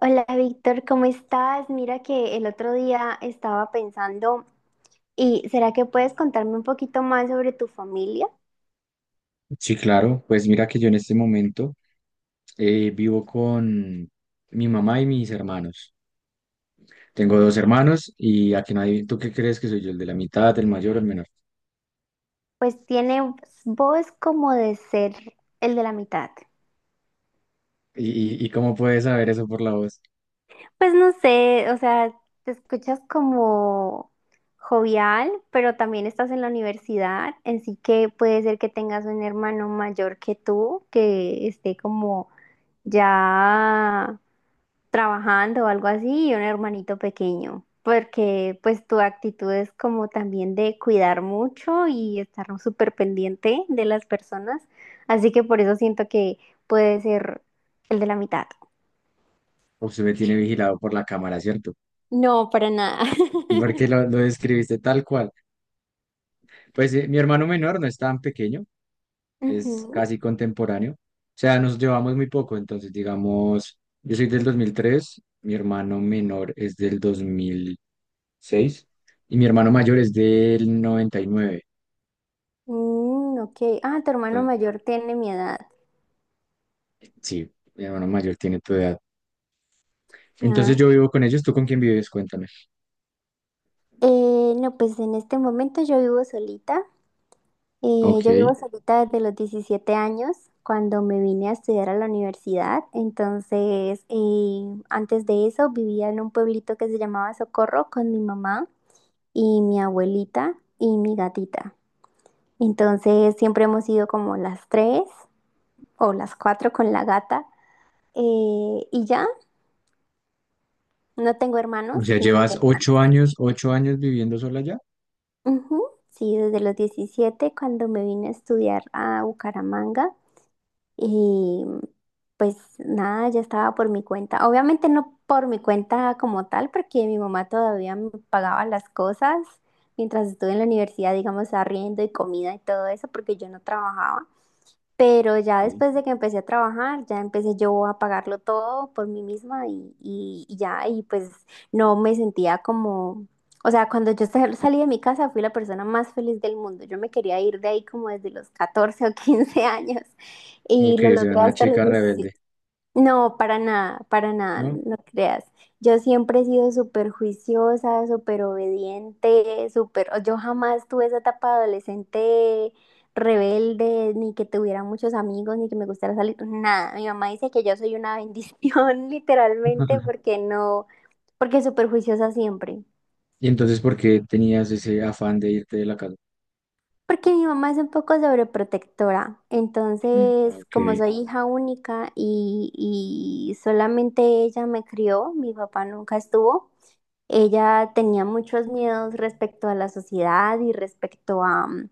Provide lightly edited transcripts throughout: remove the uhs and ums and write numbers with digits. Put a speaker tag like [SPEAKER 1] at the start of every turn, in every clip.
[SPEAKER 1] Hola Víctor, ¿cómo estás? Mira que el otro día estaba pensando, ¿y será que puedes contarme un poquito más sobre tu familia?
[SPEAKER 2] Sí, claro. Pues mira que yo en este momento vivo con mi mamá y mis hermanos. Tengo dos hermanos y a que nadie, ¿tú qué crees que soy yo? ¿El de la mitad, el mayor o el menor?
[SPEAKER 1] Pues tiene voz como de ser el de la mitad.
[SPEAKER 2] ¿Y cómo puedes saber eso por la voz?
[SPEAKER 1] Pues no sé, o sea, te escuchas como jovial, pero también estás en la universidad, así que puede ser que tengas un hermano mayor que tú, que esté como ya trabajando o algo así y un hermanito pequeño, porque pues tu actitud es como también de cuidar mucho y estar súper pendiente de las personas, así que por eso siento que puede ser el de la mitad.
[SPEAKER 2] O se me tiene vigilado por la cámara, ¿cierto?
[SPEAKER 1] No, para nada.
[SPEAKER 2] Porque lo describiste tal cual. Pues mi hermano menor no es tan pequeño, es
[SPEAKER 1] Ujú.
[SPEAKER 2] casi contemporáneo. O sea, nos llevamos muy poco. Entonces, digamos, yo soy del 2003. Mi hermano menor es del 2006, y mi hermano mayor es del noventa y nueve.
[SPEAKER 1] Mm, ok. Ah, tu hermano
[SPEAKER 2] Entonces,
[SPEAKER 1] mayor tiene mi edad.
[SPEAKER 2] sí, mi hermano mayor tiene tu edad. Entonces
[SPEAKER 1] Ah.
[SPEAKER 2] yo vivo con ellos, ¿tú con quién vives? Cuéntame.
[SPEAKER 1] No, pues en este momento yo vivo solita.
[SPEAKER 2] Ok,
[SPEAKER 1] Yo vivo solita desde los 17 años, cuando me vine a estudiar a la universidad. Entonces, antes de eso vivía en un pueblito que se llamaba Socorro con mi mamá y mi abuelita y mi gatita. Entonces, siempre hemos sido como las tres o las cuatro con la gata. Y ya, no tengo
[SPEAKER 2] o
[SPEAKER 1] hermanos
[SPEAKER 2] sea,
[SPEAKER 1] ni
[SPEAKER 2] llevas ocho
[SPEAKER 1] hermanas.
[SPEAKER 2] años, 8 años viviendo sola ya.
[SPEAKER 1] Ujú. Sí, desde los 17 cuando me vine a estudiar a Bucaramanga. Y pues nada, ya estaba por mi cuenta. Obviamente no por mi cuenta como tal, porque mi mamá todavía me pagaba las cosas mientras estuve en la universidad, digamos, arriendo y comida y todo eso, porque yo no trabajaba. Pero ya
[SPEAKER 2] Ok,
[SPEAKER 1] después de que empecé a trabajar, ya empecé yo a pagarlo todo por mí misma y ya, y pues no me sentía como, o sea, cuando yo salí de mi casa fui la persona más feliz del mundo. Yo me quería ir de ahí como desde los 14 o 15 años y
[SPEAKER 2] ok,
[SPEAKER 1] lo
[SPEAKER 2] o sea,
[SPEAKER 1] logré
[SPEAKER 2] una
[SPEAKER 1] hasta los
[SPEAKER 2] chica rebelde,
[SPEAKER 1] 17. No, para nada,
[SPEAKER 2] ¿no?
[SPEAKER 1] no creas. Yo siempre he sido súper juiciosa, súper obediente, Yo jamás tuve esa etapa adolescente rebelde, ni que tuviera muchos amigos, ni que me gustara salir, nada. Mi mamá dice que yo soy una bendición, literalmente, porque no, porque súper juiciosa siempre.
[SPEAKER 2] Y entonces, ¿por qué tenías ese afán de irte de la casa?
[SPEAKER 1] Porque mi mamá es un poco sobreprotectora.
[SPEAKER 2] Mm.
[SPEAKER 1] Entonces,
[SPEAKER 2] Ok,
[SPEAKER 1] como soy hija única y solamente ella me crió, mi papá nunca estuvo. Ella tenía muchos miedos respecto a la sociedad y respecto a, mm,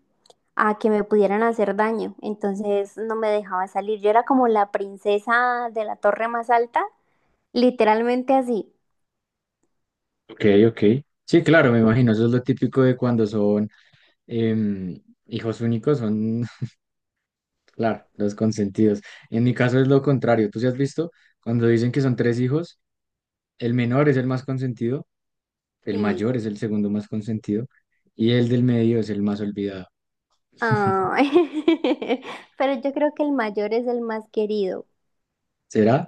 [SPEAKER 1] a que me pudieran hacer daño, entonces no me dejaba salir. Yo era como la princesa de la torre más alta, literalmente así.
[SPEAKER 2] ok, ok. Sí, claro, me imagino, eso es lo típico de cuando son em, hijos únicos, son. Claro, los consentidos. En mi caso es lo contrario. Tú sí has visto, cuando dicen que son tres hijos, el menor es el más consentido, el
[SPEAKER 1] Sí.
[SPEAKER 2] mayor es el segundo más consentido y el del medio es el más olvidado.
[SPEAKER 1] Ah. Pero yo creo que el mayor es el más querido.
[SPEAKER 2] ¿Será?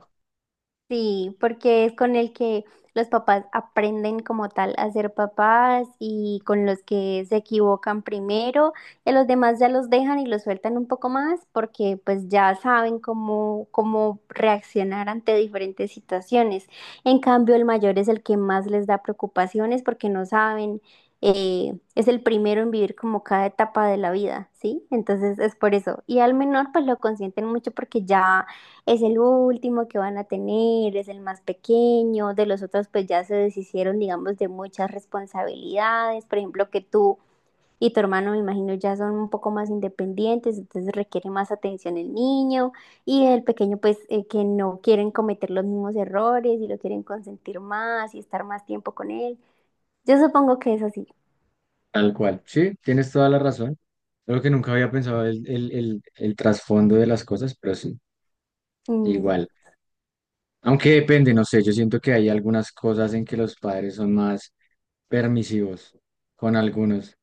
[SPEAKER 1] Sí, porque es con el que los papás aprenden como tal a ser papás y con los que se equivocan primero, y a los demás ya los dejan y los sueltan un poco más porque pues ya saben cómo reaccionar ante diferentes situaciones. En cambio, el mayor es el que más les da preocupaciones porque no saben, es el primero en vivir como cada etapa de la vida, ¿sí? Entonces es por eso. Y al menor pues lo consienten mucho porque ya es el último que van a tener, es el más pequeño, de los otros pues ya se deshicieron, digamos, de muchas responsabilidades, por ejemplo, que tú y tu hermano, me imagino, ya son un poco más independientes, entonces requiere más atención el niño y el pequeño pues que no quieren cometer los mismos errores y lo quieren consentir más y estar más tiempo con él. Yo supongo que es así.
[SPEAKER 2] Tal cual. Sí, tienes toda la razón. Solo que nunca había pensado el trasfondo de las cosas, pero sí,
[SPEAKER 1] Mm,
[SPEAKER 2] igual. Aunque depende, no sé, yo siento que hay algunas cosas en que los padres son más permisivos con algunos.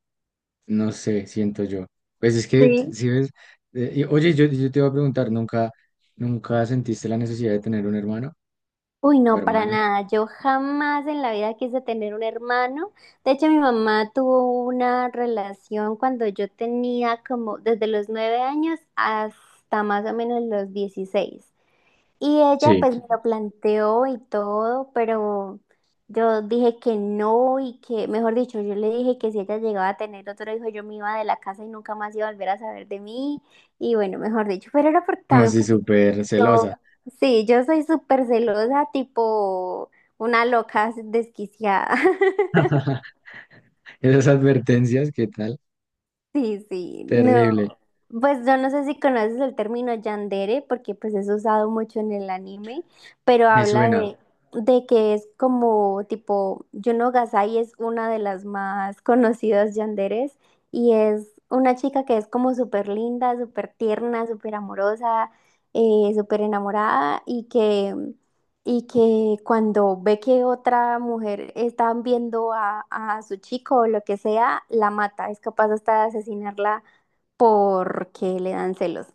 [SPEAKER 2] No sé, siento yo. Pues es que,
[SPEAKER 1] sí.
[SPEAKER 2] si ves, oye, yo te iba a preguntar, ¿nunca, nunca sentiste la necesidad de tener un hermano
[SPEAKER 1] Uy,
[SPEAKER 2] o
[SPEAKER 1] no, para
[SPEAKER 2] hermana?
[SPEAKER 1] nada. Yo jamás en la vida quise tener un hermano. De hecho, mi mamá tuvo una relación cuando yo tenía como desde los 9 años hasta más o menos los 16. Y ella
[SPEAKER 2] Sí.
[SPEAKER 1] pues me lo planteó y todo, pero yo dije que no y que, mejor dicho, yo le dije que si ella llegaba a tener otro hijo, yo me iba de la casa y nunca más iba a volver a saber de mí. Y bueno, mejor dicho, pero era porque
[SPEAKER 2] No,
[SPEAKER 1] también
[SPEAKER 2] sí,
[SPEAKER 1] porque
[SPEAKER 2] súper
[SPEAKER 1] yo,
[SPEAKER 2] celosa.
[SPEAKER 1] sí, yo soy súper celosa, tipo una loca desquiciada.
[SPEAKER 2] Esas advertencias, ¿qué tal?
[SPEAKER 1] Sí, sí, no.
[SPEAKER 2] Terrible.
[SPEAKER 1] Pues yo no sé si conoces el término yandere, porque pues es usado mucho en el anime, pero
[SPEAKER 2] Me
[SPEAKER 1] habla
[SPEAKER 2] suena.
[SPEAKER 1] de que es como tipo, Yuno Gasai es una de las más conocidas yanderes y es una chica que es como súper linda, súper tierna, súper amorosa, súper enamorada y que cuando ve que otra mujer está viendo a su chico o lo que sea, la mata. Es capaz hasta de asesinarla porque le dan celos.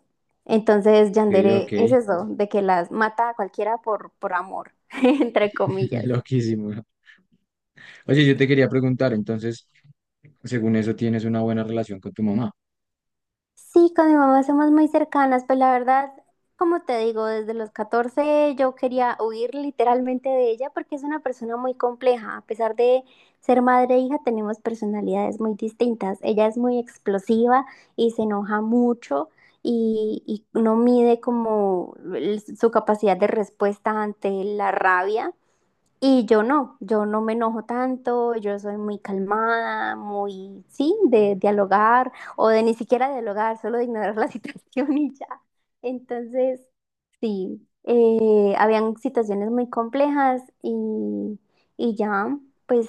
[SPEAKER 1] Entonces,
[SPEAKER 2] Ok, ok.
[SPEAKER 1] yandere es eso, de que las mata a cualquiera por amor, entre comillas.
[SPEAKER 2] Loquísimo. Oye, yo te quería preguntar, entonces, según eso, ¿tienes una buena relación con tu mamá?
[SPEAKER 1] Sí, con mi mamá somos muy cercanas, pues la verdad, como te digo, desde los 14 yo quería huir literalmente de ella porque es una persona muy compleja. A pesar de ser madre e hija, tenemos personalidades muy distintas. Ella es muy explosiva y se enoja mucho y no mide como su capacidad de respuesta ante la rabia. Y yo no, yo no me enojo tanto, yo soy muy calmada, muy, sí, de dialogar o de ni siquiera dialogar, solo de ignorar la situación y ya. Entonces, sí, habían situaciones muy complejas y ya, pues,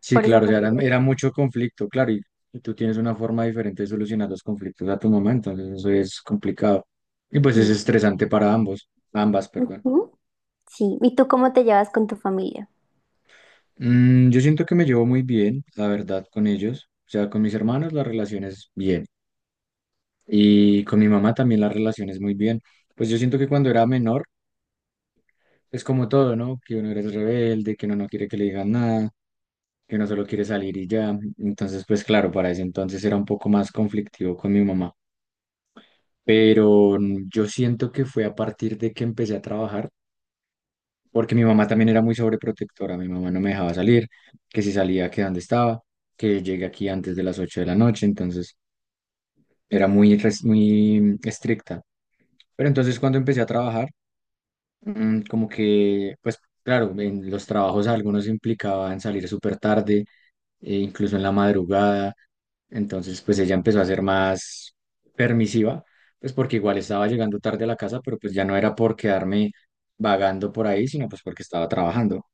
[SPEAKER 2] Sí,
[SPEAKER 1] por eso
[SPEAKER 2] claro, o
[SPEAKER 1] me
[SPEAKER 2] sea, era,
[SPEAKER 1] quedé.
[SPEAKER 2] era
[SPEAKER 1] ahí.
[SPEAKER 2] mucho conflicto, claro, y tú tienes una forma diferente de solucionar los conflictos a tu mamá, entonces eso es complicado. Y pues es
[SPEAKER 1] Sí,
[SPEAKER 2] estresante para ambos, ambas, perdón.
[SPEAKER 1] ujú, sí. ¿Y tú cómo te llevas con tu familia?
[SPEAKER 2] Yo siento que me llevo muy bien, la verdad, con ellos. O sea, con mis hermanos la relación es bien. Y con mi mamá también la relación es muy bien. Pues yo siento que cuando era menor, es como todo, ¿no? Que uno eres rebelde, que uno no quiere que le digan nada, que uno solo quiere salir y ya. Entonces, pues claro, para ese entonces era un poco más conflictivo con mi mamá. Pero yo siento que fue a partir de que empecé a trabajar, porque mi mamá también era muy sobreprotectora, mi mamá no me dejaba salir, que si salía, que dónde estaba, que llegué aquí antes de las 8 de la noche, entonces era muy estricta. Pero entonces cuando empecé a trabajar, como que, pues claro, en los trabajos algunos implicaban salir súper tarde, e incluso en la madrugada. Entonces, pues ella empezó a ser más permisiva, pues porque igual estaba llegando tarde a la casa, pero pues ya no era por quedarme vagando por ahí, sino pues porque estaba trabajando.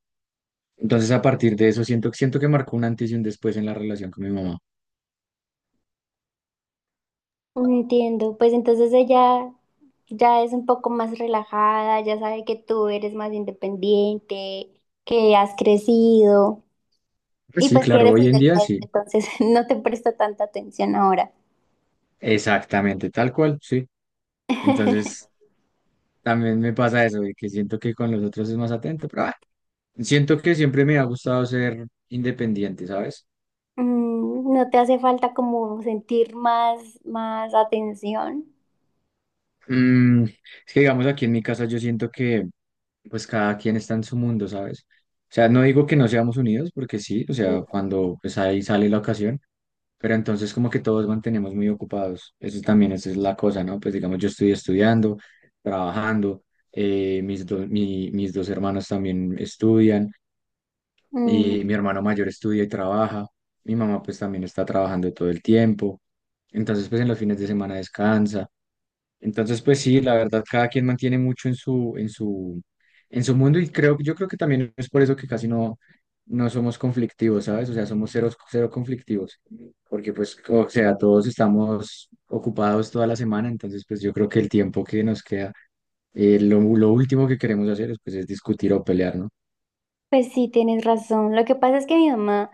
[SPEAKER 2] Entonces, a partir de eso, siento que marcó un antes y un después en la relación con mi mamá.
[SPEAKER 1] Entiendo, pues entonces ella ya es un poco más relajada, ya sabe que tú eres más independiente, que has crecido
[SPEAKER 2] Pues
[SPEAKER 1] y
[SPEAKER 2] sí,
[SPEAKER 1] pues que
[SPEAKER 2] claro,
[SPEAKER 1] eres
[SPEAKER 2] hoy
[SPEAKER 1] el
[SPEAKER 2] en
[SPEAKER 1] del
[SPEAKER 2] día
[SPEAKER 1] medio,
[SPEAKER 2] sí,
[SPEAKER 1] entonces no te presta tanta atención ahora.
[SPEAKER 2] exactamente, tal cual, sí. Entonces, también me pasa eso, de que siento que con los otros es más atento, pero siento que siempre me ha gustado ser independiente, ¿sabes?
[SPEAKER 1] Mm, ¿no te hace falta como sentir más atención?
[SPEAKER 2] Es que digamos aquí en mi casa yo siento que pues cada quien está en su mundo, ¿sabes? O sea, no digo que no seamos unidos porque sí, o sea, cuando pues ahí sale la ocasión, pero entonces como que todos mantenemos muy ocupados. Eso también esa es la cosa, ¿no? Pues digamos yo estoy estudiando, trabajando, mis dos hermanos también estudian.
[SPEAKER 1] Mm.
[SPEAKER 2] Y mi hermano mayor estudia y trabaja, mi mamá pues también está trabajando todo el tiempo, entonces pues en los fines de semana descansa, entonces pues sí, la verdad cada quien mantiene mucho en su mundo y yo creo que también es por eso que casi no, no somos conflictivos, ¿sabes? O sea, somos cero, cero conflictivos, porque pues, o sea, todos estamos ocupados toda la semana, entonces pues yo creo que el tiempo que nos queda lo último que queremos hacer pues, es discutir o pelear, ¿no?
[SPEAKER 1] Pues sí, tienes razón. Lo que pasa es que mi mamá,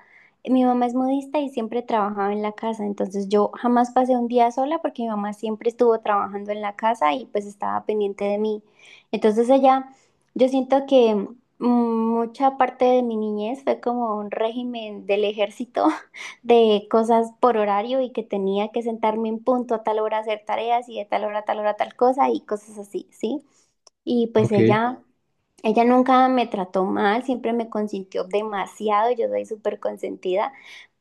[SPEAKER 1] mi mamá es modista y siempre trabajaba en la casa, entonces yo jamás pasé un día sola porque mi mamá siempre estuvo trabajando en la casa y pues estaba pendiente de mí. Entonces yo siento que mucha parte de mi niñez fue como un régimen del ejército de cosas por horario y que tenía que sentarme en punto a tal hora a hacer tareas y de tal hora a tal hora tal cosa y cosas así, ¿sí?
[SPEAKER 2] Ok,
[SPEAKER 1] Ok. Ella nunca me trató mal, siempre me consintió demasiado, yo soy súper consentida,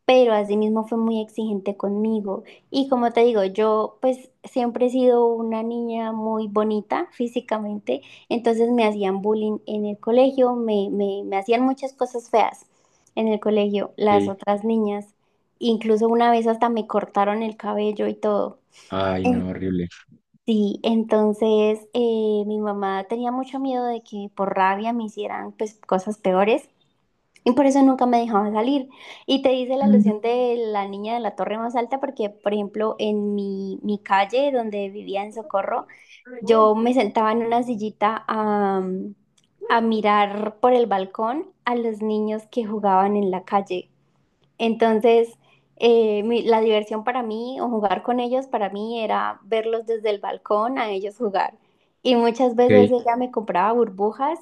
[SPEAKER 1] pero asimismo fue muy exigente conmigo. Y como te digo, yo pues siempre he sido una niña muy bonita físicamente, entonces me hacían bullying en el colegio, me hacían muchas cosas feas en el colegio, las
[SPEAKER 2] ok.
[SPEAKER 1] otras niñas. Incluso una vez hasta me cortaron el cabello y todo.
[SPEAKER 2] Ay, no, horrible.
[SPEAKER 1] Sí, entonces mi mamá tenía mucho miedo de que por rabia me hicieran pues cosas peores y por eso nunca me dejaba salir. Y te hice la alusión de la niña de la torre más alta porque, por ejemplo, en mi calle donde vivía en Socorro, yo me sentaba en una sillita a mirar por el balcón a los niños que jugaban en la calle. Entonces, la diversión para mí o jugar con ellos, para mí era verlos desde el balcón a ellos jugar. Y muchas veces
[SPEAKER 2] Ok.
[SPEAKER 1] ella me compraba burbujas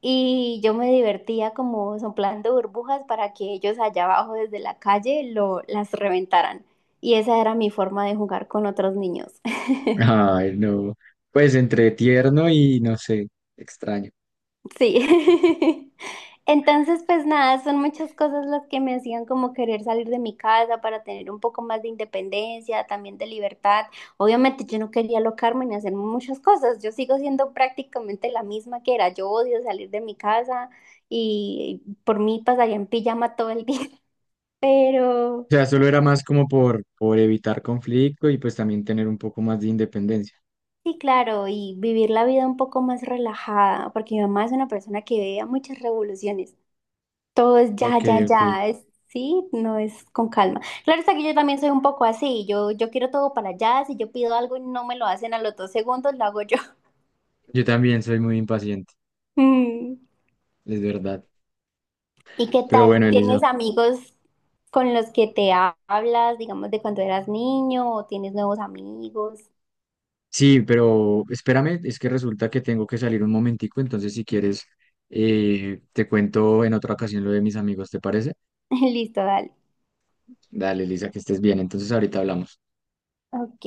[SPEAKER 1] y yo me divertía como soplando burbujas para que ellos allá abajo desde la calle las reventaran. Y esa era mi forma de jugar con otros niños.
[SPEAKER 2] Ay, no. Pues entre tierno y no sé, extraño.
[SPEAKER 1] Sí. Entonces, pues nada, son muchas cosas las que me hacían como querer salir de mi casa para tener un poco más de independencia, también de libertad. Obviamente yo no quería alocarme ni hacer muchas cosas. Yo sigo siendo prácticamente la misma que era. Yo odio salir de mi casa y por mí pasaría en pijama todo el día. Pero
[SPEAKER 2] O sea, solo era más como por evitar conflicto y pues también tener un poco más de independencia.
[SPEAKER 1] sí, claro, y vivir la vida un poco más relajada, porque mi mamá es una persona que veía muchas revoluciones. Todo es ya,
[SPEAKER 2] Ok,
[SPEAKER 1] ya,
[SPEAKER 2] ok.
[SPEAKER 1] ya, es, sí, no es con calma. Claro está que yo también soy un poco así, yo quiero todo para allá, si yo pido algo y no me lo hacen a los 2 segundos, lo hago yo.
[SPEAKER 2] Yo también soy muy impaciente,
[SPEAKER 1] Mm.
[SPEAKER 2] es verdad.
[SPEAKER 1] ¿Y qué
[SPEAKER 2] Pero
[SPEAKER 1] tal?
[SPEAKER 2] bueno, Elisa.
[SPEAKER 1] ¿Tienes amigos con los que te hablas, digamos, de cuando eras niño o tienes nuevos amigos?
[SPEAKER 2] Sí, pero espérame, es que resulta que tengo que salir un momentico, entonces si quieres, te cuento en otra ocasión lo de mis amigos, ¿te parece?
[SPEAKER 1] Listo, dale.
[SPEAKER 2] Dale, Elisa, que estés bien. Entonces ahorita hablamos.
[SPEAKER 1] Ok.